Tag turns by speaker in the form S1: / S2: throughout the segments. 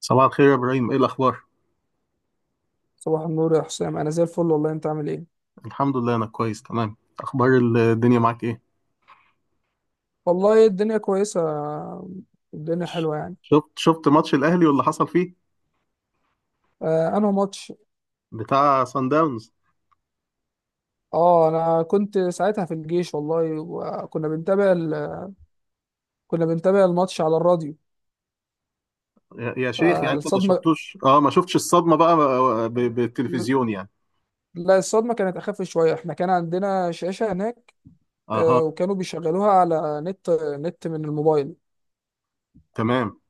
S1: صباح الخير يا ابراهيم، ايه الاخبار؟
S2: صباح النور يا حسام، انا زي الفل والله. انت عامل ايه؟
S1: الحمد لله، انا كويس تمام. اخبار الدنيا معاك ايه؟
S2: والله الدنيا كويسه. الدنيا حلوه يعني.
S1: شفت ماتش الاهلي واللي حصل فيه
S2: آه انا ماتش.
S1: بتاع سان داونز.
S2: اه انا كنت ساعتها في الجيش والله، وكنا بنتابع كنا بنتابع الماتش على الراديو.
S1: يا شيخ، يعني انت ما
S2: فالصدمه،
S1: شفتوش اه ما شفتش الصدمه بقى، بالتلفزيون يعني.
S2: لا الصدمه كانت اخف شويه، احنا كان عندنا شاشه هناك.
S1: اها،
S2: وكانوا بيشغلوها على نت من الموبايل،
S1: تمام،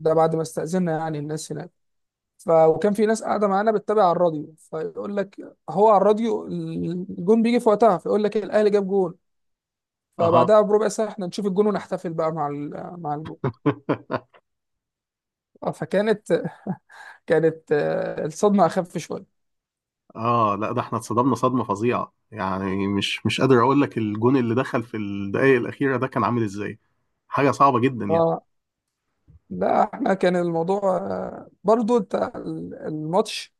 S2: ده بعد ما استأذنا يعني الناس هناك. وكان في ناس قاعده معانا بتتابع على الراديو فيقول لك، هو على الراديو الجون بيجي في وقتها فيقول لك الاهلي جاب جون،
S1: اها.
S2: فبعدها بربع ساعة احنا نشوف الجون ونحتفل بقى مع مع الجون. فكانت، كانت الصدمة أخف شوية.
S1: اه لا، ده احنا اتصدمنا صدمه فظيعه يعني، مش قادر اقول لك الجون اللي دخل في الدقائق الاخيره ده كان عامل ازاي. حاجه صعبه جدا يعني.
S2: اه لا احنا كان الموضوع برضو انت الماتش،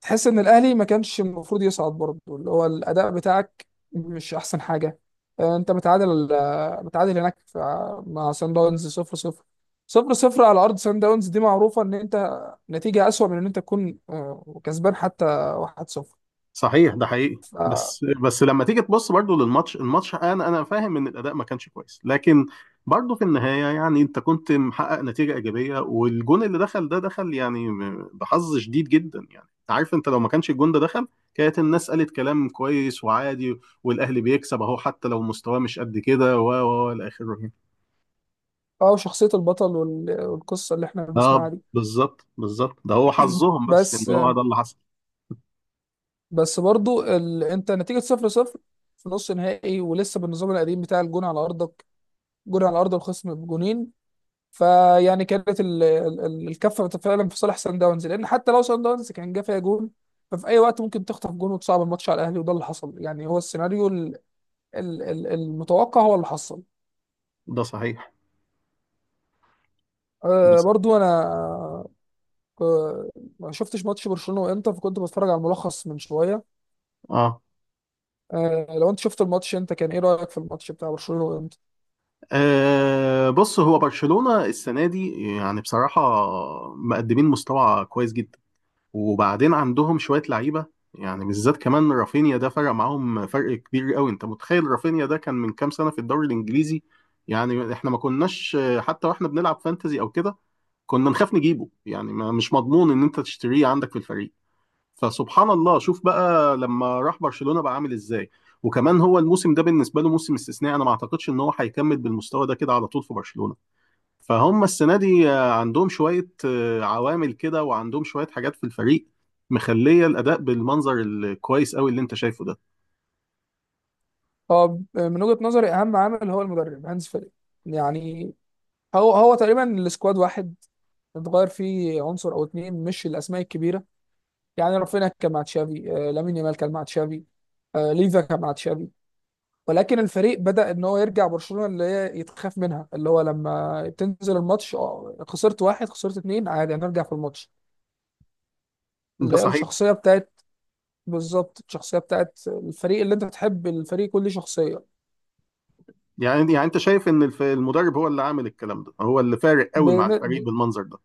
S2: تحس ان الاهلي ما كانش المفروض يصعد برضو. اللي هو الاداء بتاعك مش احسن حاجة. انت متعادل، متعادل هناك مع سان داونز 0 0، صفر صفر على ارض سان داونز، دي معروفة ان انت نتيجة اسوأ من ان انت تكون كسبان حتى 1-0.
S1: صحيح، ده حقيقي. بس لما تيجي تبص برضو للماتش، انا فاهم ان الاداء ما كانش كويس، لكن برضو في النهايه يعني انت كنت محقق نتيجه ايجابيه، والجون اللي دخل ده دخل يعني بحظ شديد جدا يعني. انت عارف، انت لو ما كانش الجون ده دخل، كانت الناس قالت كلام كويس وعادي، والاهلي بيكسب اهو حتى لو مستواه مش قد كده و الى اخره يعني.
S2: اه وشخصية البطل والقصة اللي احنا
S1: اه
S2: بنسمعها دي.
S1: بالظبط بالظبط، ده هو حظهم، بس ان
S2: بس،
S1: هو ده اللي حصل.
S2: بس برضو انت نتيجة صفر صفر في نص نهائي، ولسه بالنظام القديم بتاع الجون على ارضك، جون على ارض الخصم بجونين. فيعني كانت الكفة فعلا في صالح سان داونز، لان حتى لو سان داونز كان جه فيها جون ففي اي وقت ممكن تخطف جون وتصعب الماتش على الاهلي، وده اللي حصل. يعني هو السيناريو المتوقع هو اللي حصل.
S1: ده صحيح. ده
S2: أه
S1: صحيح.
S2: برضو انا آه، ما شفتش ماتش برشلونة وانتر، فكنت بتفرج على الملخص من شوية.
S1: اه
S2: لو انت شفت الماتش انت كان ايه رايك في الماتش بتاع برشلونه وانت
S1: أه بص، هو برشلونة السنة دي يعني بصراحة مقدمين مستوى كويس جدا، وبعدين عندهم شوية لعيبة. يعني بالذات كمان رافينيا ده فرق معاهم فرق كبير قوي. انت متخيل رافينيا ده كان من كام سنة في الدوري الانجليزي؟ يعني احنا ما كناش حتى واحنا بنلعب فانتزي او كده كنا نخاف نجيبه، يعني ما مش مضمون ان انت تشتريه عندك في الفريق. فسبحان الله، شوف بقى لما راح برشلونة بقى عامل ازاي. وكمان هو الموسم ده بالنسبة له موسم استثنائي، انا ما اعتقدش ان هو هيكمل بالمستوى ده كده على طول في برشلونة. فهم السنة دي عندهم شوية عوامل كده، وعندهم شوية حاجات في الفريق مخلية الأداء بالمنظر الكويس قوي اللي انت شايفه ده.
S2: طب من وجهه نظري اهم عامل هو المدرب هانز فليك يعني. هو هو تقريبا السكواد واحد، اتغير فيه عنصر او اتنين مش الاسماء الكبيره. يعني رافينيا كان مع تشافي، لامين يامال كان مع تشافي، ليفا كان مع تشافي. ولكن الفريق بدا ان هو يرجع برشلونه اللي هي يتخاف منها، اللي هو لما تنزل الماتش اه خسرت واحد خسرت اتنين عادي هنرجع في الماتش. اللي
S1: ده
S2: هي
S1: صحيح.
S2: الشخصيه بتاعت، بالظبط الشخصية بتاعت الفريق اللي انت بتحب الفريق كل شخصية.
S1: يعني انت شايف ان المدرب هو اللي عامل الكلام ده، هو اللي فارق قوي مع الفريق
S2: بن-
S1: بالمنظر ده؟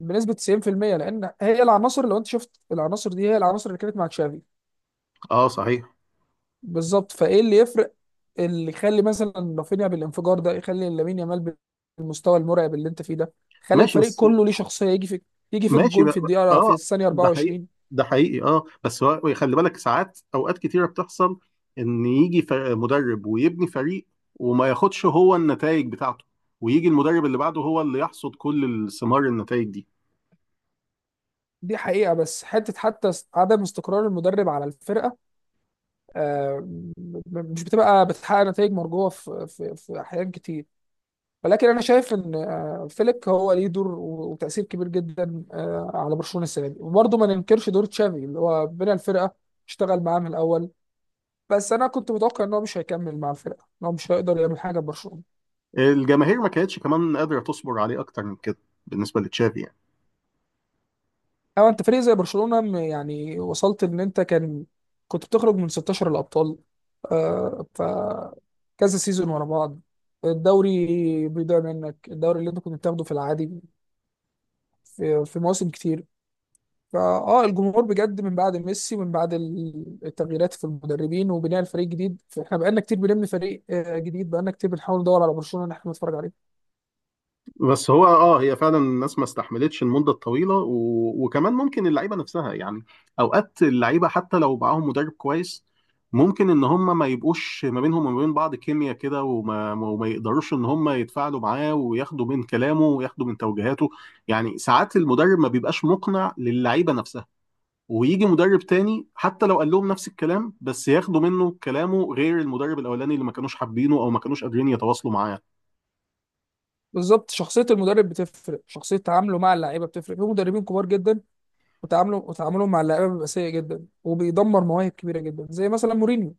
S2: بنسبة 90% لأن هي العناصر، لو انت شفت العناصر دي هي العناصر اللي كانت مع تشافي.
S1: اه صحيح.
S2: بالظبط، فايه اللي يفرق؟ اللي يخلي مثلا رافينيا بالانفجار ده، يخلي لامين يامال بالمستوى المرعب اللي انت فيه ده، خلي
S1: ماشي
S2: الفريق
S1: بس.
S2: كله ليه شخصية. يجي في، يجي في
S1: ماشي
S2: الجون في الدقيقة، في
S1: اه،
S2: الثانية
S1: ده حقيقي.
S2: 24.
S1: ده حقيقي. اه بس هو خلي بالك ساعات، اوقات كتيره بتحصل ان يجي مدرب ويبني فريق وما ياخدش هو النتائج بتاعته، ويجي المدرب اللي بعده هو اللي يحصد كل الثمار، النتائج دي.
S2: دي حقيقة. بس حتة، حتى عدم استقرار المدرب على الفرقة آه، مش بتبقى بتحقق نتائج مرجوة في أحيان كتير. ولكن انا شايف ان فليك هو ليه دور وتاثير كبير جدا على برشلونه السنه دي. وبرضه ما ننكرش دور تشافي اللي هو بنى الفرقه، اشتغل معاه من الاول. بس انا كنت متوقع ان هو مش هيكمل مع الفرقه، ان هو مش هيقدر يعمل حاجه ببرشلونه.
S1: الجماهير ما كانتش كمان قادره تصبر عليه اكتر من كده بالنسبه لتشافي يعني.
S2: او انت فريق زي برشلونه يعني وصلت ان انت كان، كنت بتخرج من 16 الابطال آه، ف كذا سيزون ورا بعض. الدوري بيضيع منك، الدوري اللي انت كنت بتاخده في العادي في مواسم كتير. فاه الجمهور بجد، من بعد ميسي ومن بعد التغييرات في المدربين وبناء الفريق جديد، فاحنا بقالنا كتير بنبني فريق جديد، بقالنا كتير بنحاول ندور على برشلونة ان احنا نتفرج عليه.
S1: بس هو اه هي فعلا الناس ما استحملتش المده الطويله، وكمان ممكن اللعيبه نفسها يعني، اوقات اللعيبه حتى لو معاهم مدرب كويس ممكن ان هم ما يبقوش ما بينهم وما بين بعض كيمياء كده، وما يقدروش ان هم يتفاعلوا معاه وياخدوا من كلامه وياخدوا من توجيهاته. يعني ساعات المدرب ما بيبقاش مقنع للعيبه نفسها، ويجي مدرب تاني حتى لو قال لهم نفس الكلام بس ياخدوا منه كلامه، غير المدرب الاولاني اللي ما كانوش حابينه او ما كانوش قادرين يتواصلوا معاه.
S2: بالظبط شخصية المدرب بتفرق، شخصية تعامله مع اللعيبة بتفرق. في مدربين كبار جدا وتعامله، وتعاملهم مع اللعيبة بيبقى سيء جدا وبيدمر مواهب كبيرة جدا زي مثلا مورينيو.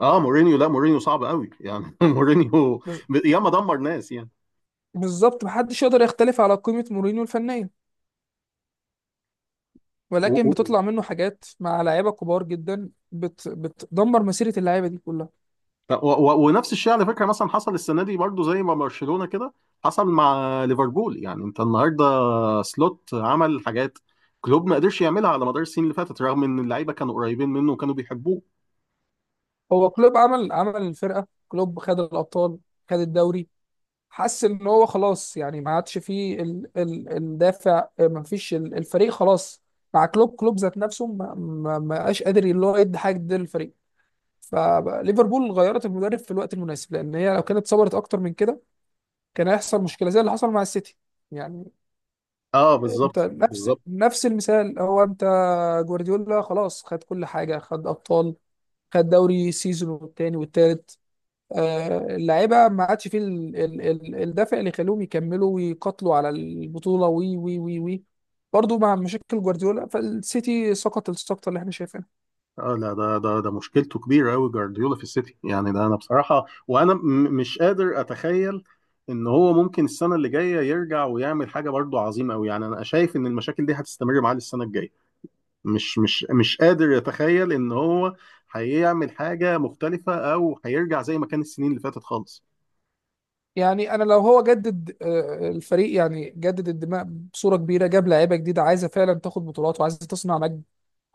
S1: اه مورينيو، لا مورينيو صعب قوي يعني مورينيو
S2: بز-
S1: ياما دمر ناس يعني.
S2: بالظبط، محدش يقدر يختلف على قيمة مورينيو الفنية،
S1: و...
S2: ولكن
S1: و...
S2: بتطلع منه حاجات مع لعيبة كبار جدا بتدمر مسيرة اللعيبة دي كلها.
S1: ونفس الشيء على فكره، مثلا حصل السنه دي برضو زي ما برشلونه كده، حصل مع ليفربول. يعني انت النهارده سلوت عمل حاجات كلوب ما قدرش يعملها على مدار السنين اللي فاتت، رغم ان اللعيبه كانوا قريبين منه وكانوا بيحبوه.
S2: هو كلوب عمل، عمل الفرقه. كلوب خد الابطال، خد الدوري، حس ان هو خلاص يعني ما عادش فيه ال ال الدافع، ما فيش الفريق خلاص مع كلوب. كلوب ذات نفسه ما بقاش قادر اللي هو يدي حاجه جديدة للفريق. فليفربول غيرت المدرب في الوقت المناسب، لان هي لو كانت صبرت اكتر من كده كان هيحصل مشكله زي اللي حصل مع السيتي يعني.
S1: اه
S2: انت
S1: بالظبط
S2: نفس
S1: بالظبط.
S2: نفس المثال، هو انت جوارديولا خلاص خد كل حاجه، خد ابطال، خد دوري سيزون والتاني والتالت. اللعيبه ما عادش فيه الدافع اللي يخليهم يكملوا ويقاتلوا على البطوله وي وي وي وي برضه مع مشاكل جوارديولا، فالسيتي سقط السقطه اللي احنا شايفينها.
S1: اه لا، ده ده مشكلته كبيره قوي جوارديولا في السيتي يعني. ده انا بصراحه، وانا مش قادر اتخيل ان هو ممكن السنه اللي جايه يرجع ويعمل حاجه برضو عظيمه قوي. يعني انا شايف ان المشاكل دي هتستمر معاه للسنه الجايه، مش قادر اتخيل ان هو هيعمل حاجه مختلفه او هيرجع زي ما كان السنين اللي فاتت خالص.
S2: يعني انا لو هو جدد الفريق، يعني جدد الدماء بصوره كبيره، جاب لعيبه جديده عايزه فعلا تاخد بطولات وعايزه تصنع نجم،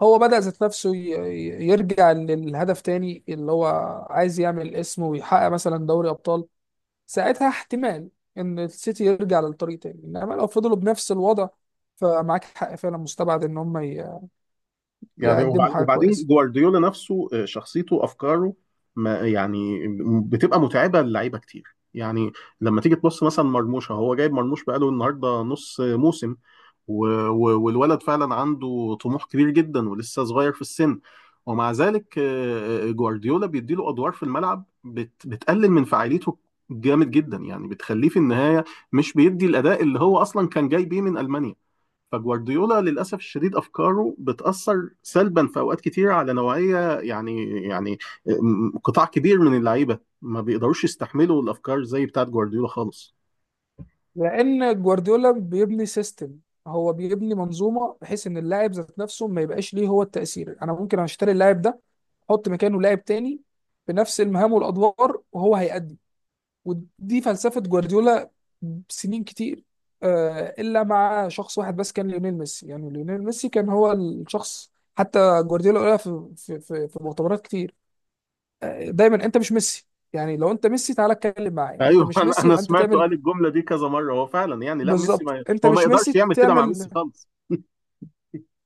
S2: هو بدأ ذات نفسه يرجع للهدف تاني اللي هو عايز يعمل اسم ويحقق مثلا دوري أبطال، ساعتها احتمال ان السيتي يرجع للطريق تاني. انما لو فضلوا بنفس الوضع فمعاك حق، فعلا مستبعد ان هم
S1: يعني
S2: يقدموا حاجه
S1: وبعدين
S2: كويسه.
S1: جوارديولا نفسه شخصيته، افكاره ما يعني بتبقى متعبه للعيبه كتير يعني. لما تيجي تبص مثلا مرموش، هو جايب مرموش بقاله النهارده نص موسم، والولد فعلا عنده طموح كبير جدا ولسه صغير في السن، ومع ذلك جوارديولا بيديله ادوار في الملعب بتقلل من فاعليته جامد جدا يعني، بتخليه في النهايه مش بيدي الاداء اللي هو اصلا كان جاي بيه من المانيا. فجوارديولا للأسف الشديد أفكاره بتأثر سلبا في أوقات كتير على نوعية، يعني قطاع كبير من اللعيبة ما بيقدروش يستحملوا الأفكار زي بتاعت جوارديولا خالص.
S2: لان جوارديولا بيبني سيستم، هو بيبني منظومه بحيث ان اللاعب ذات نفسه ما يبقاش ليه هو التاثير. انا ممكن اشتري اللاعب ده، احط مكانه لاعب تاني بنفس المهام والادوار وهو هيأدي. ودي فلسفة جوارديولا سنين كتير، إلا مع شخص واحد بس كان ليونيل ميسي. يعني ليونيل ميسي كان هو الشخص، حتى جوارديولا قالها في مؤتمرات كتير، دايما أنت مش ميسي يعني. لو أنت ميسي تعالى اتكلم معايا، أنت
S1: أيوه
S2: مش
S1: أنا
S2: ميسي
S1: أنا
S2: يبقى أنت
S1: سمعته
S2: تعمل.
S1: قال الجملة دي كذا مرة. هو فعلا يعني لا ميسي،
S2: بالظبط،
S1: ما
S2: أنت
S1: هو ما
S2: مش
S1: يقدرش
S2: ميسي
S1: يعمل كده مع ميسي
S2: تعمل.
S1: خالص.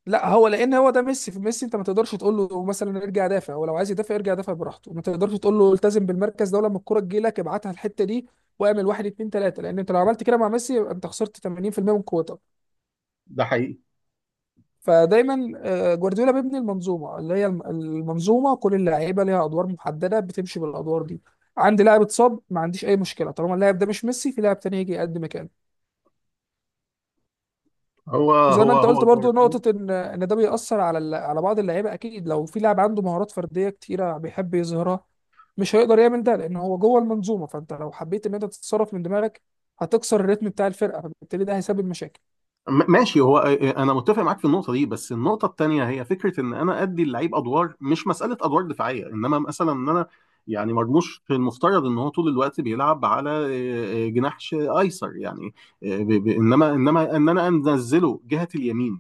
S2: لا هو، لان هو ده ميسي. في ميسي انت ما تقدرش تقول له مثلا ارجع دافع، هو لو عايز يدافع يرجع يدافع براحته، ما تقدرش تقول له التزم بالمركز ده، ولما الكرة تجي لك ابعتها الحتة دي واعمل واحد اتنين تلاتة، لان انت لو عملت كده مع ميسي يبقى انت خسرت 80% من قوتك.
S1: ده حقيقي.
S2: فدايما جوارديولا بيبني المنظومة اللي هي المنظومة كل اللعيبة ليها ادوار محددة، بتمشي بالادوار دي. عندي لاعب اتصاب، ما عنديش اي مشكلة، طالما اللاعب ده مش ميسي في لاعب تاني يجي يقدم مكانه.
S1: هو
S2: وزي
S1: هو
S2: ما انت
S1: هو
S2: قلت برضو
S1: جوارديولا.
S2: نقطة، ان ده بيأثر على على بعض اللعيبة اكيد. لو في لاعب عنده مهارات فردية كتيرة بيحب يظهرها، مش هيقدر يعمل ده لان هو جوه المنظومة. فانت لو حبيت ان انت تتصرف من دماغك هتكسر الريتم بتاع الفرقة، فبالتالي ده هيسبب مشاكل.
S1: ماشي. هو انا متفق معاك في النقطه دي، بس النقطه التانيه هي فكره ان انا ادي اللعيب ادوار، مش مساله ادوار دفاعيه، انما مثلا ان انا يعني مرموش المفترض ان هو طول الوقت بيلعب على جناح ايسر يعني. انما ان انا انزله جهه اليمين،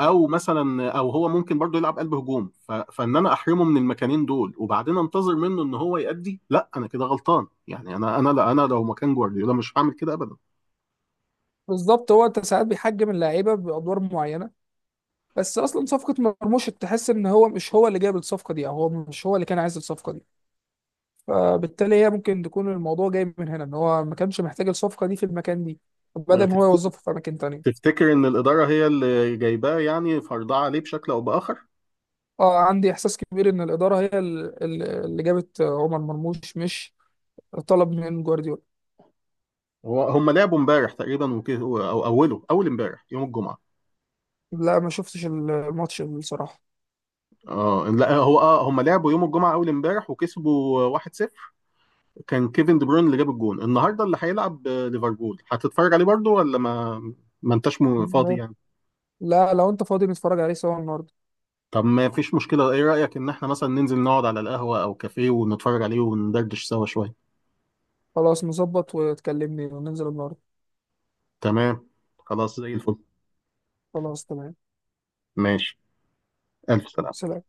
S1: او مثلا او هو ممكن برضه يلعب قلب هجوم، فان انا احرمه من المكانين دول وبعدين انتظر منه ان هو يأدي. لا انا كده غلطان يعني، انا لا، انا لو مكان جوارديولا مش هعمل كده
S2: بالظبط، هو انت ساعات بيحجم اللعيبة بأدوار معينة، بس اصلا صفقة مرموش تحس ان هو مش هو اللي جايب الصفقة دي، او هو مش هو اللي كان عايز الصفقة دي، فبالتالي هي ممكن تكون الموضوع جاي من هنا. ان هو ما كانش محتاج الصفقة دي في المكان دي بدل ان هو
S1: ابدا.
S2: يوظفه في اماكن تانية.
S1: تفتكر ان الاداره هي اللي جايباه يعني فرضاه عليه بشكل او باخر؟
S2: اه عندي احساس كبير ان الاداره هي اللي جابت عمر مرموش مش طلب من جوارديولا.
S1: هو هم لعبوا امبارح تقريبا وكده او اوله اول امبارح يوم الجمعه.
S2: لا ما شفتش الماتش بصراحه.
S1: اه لا، هو اه هم لعبوا يوم الجمعه اول امبارح وكسبوا 1-0. كان كيفن دي بروين اللي جاب الجون. النهارده اللي هيلعب ليفربول هتتفرج عليه برضو، ولا ما انتش فاضي
S2: ما-
S1: يعني؟
S2: لا لو انت فاضي نتفرج عليه سوا النهارده.
S1: طب ما فيش مشكله، ايه رايك ان احنا مثلا ننزل نقعد على القهوه او كافيه ونتفرج عليه وندردش سوا شويه؟
S2: خلاص نظبط وتكلمني وننزل النهارده.
S1: تمام، خلاص زي الفل.
S2: خلاص تمام.
S1: ماشي، الف سلامه.
S2: سلام.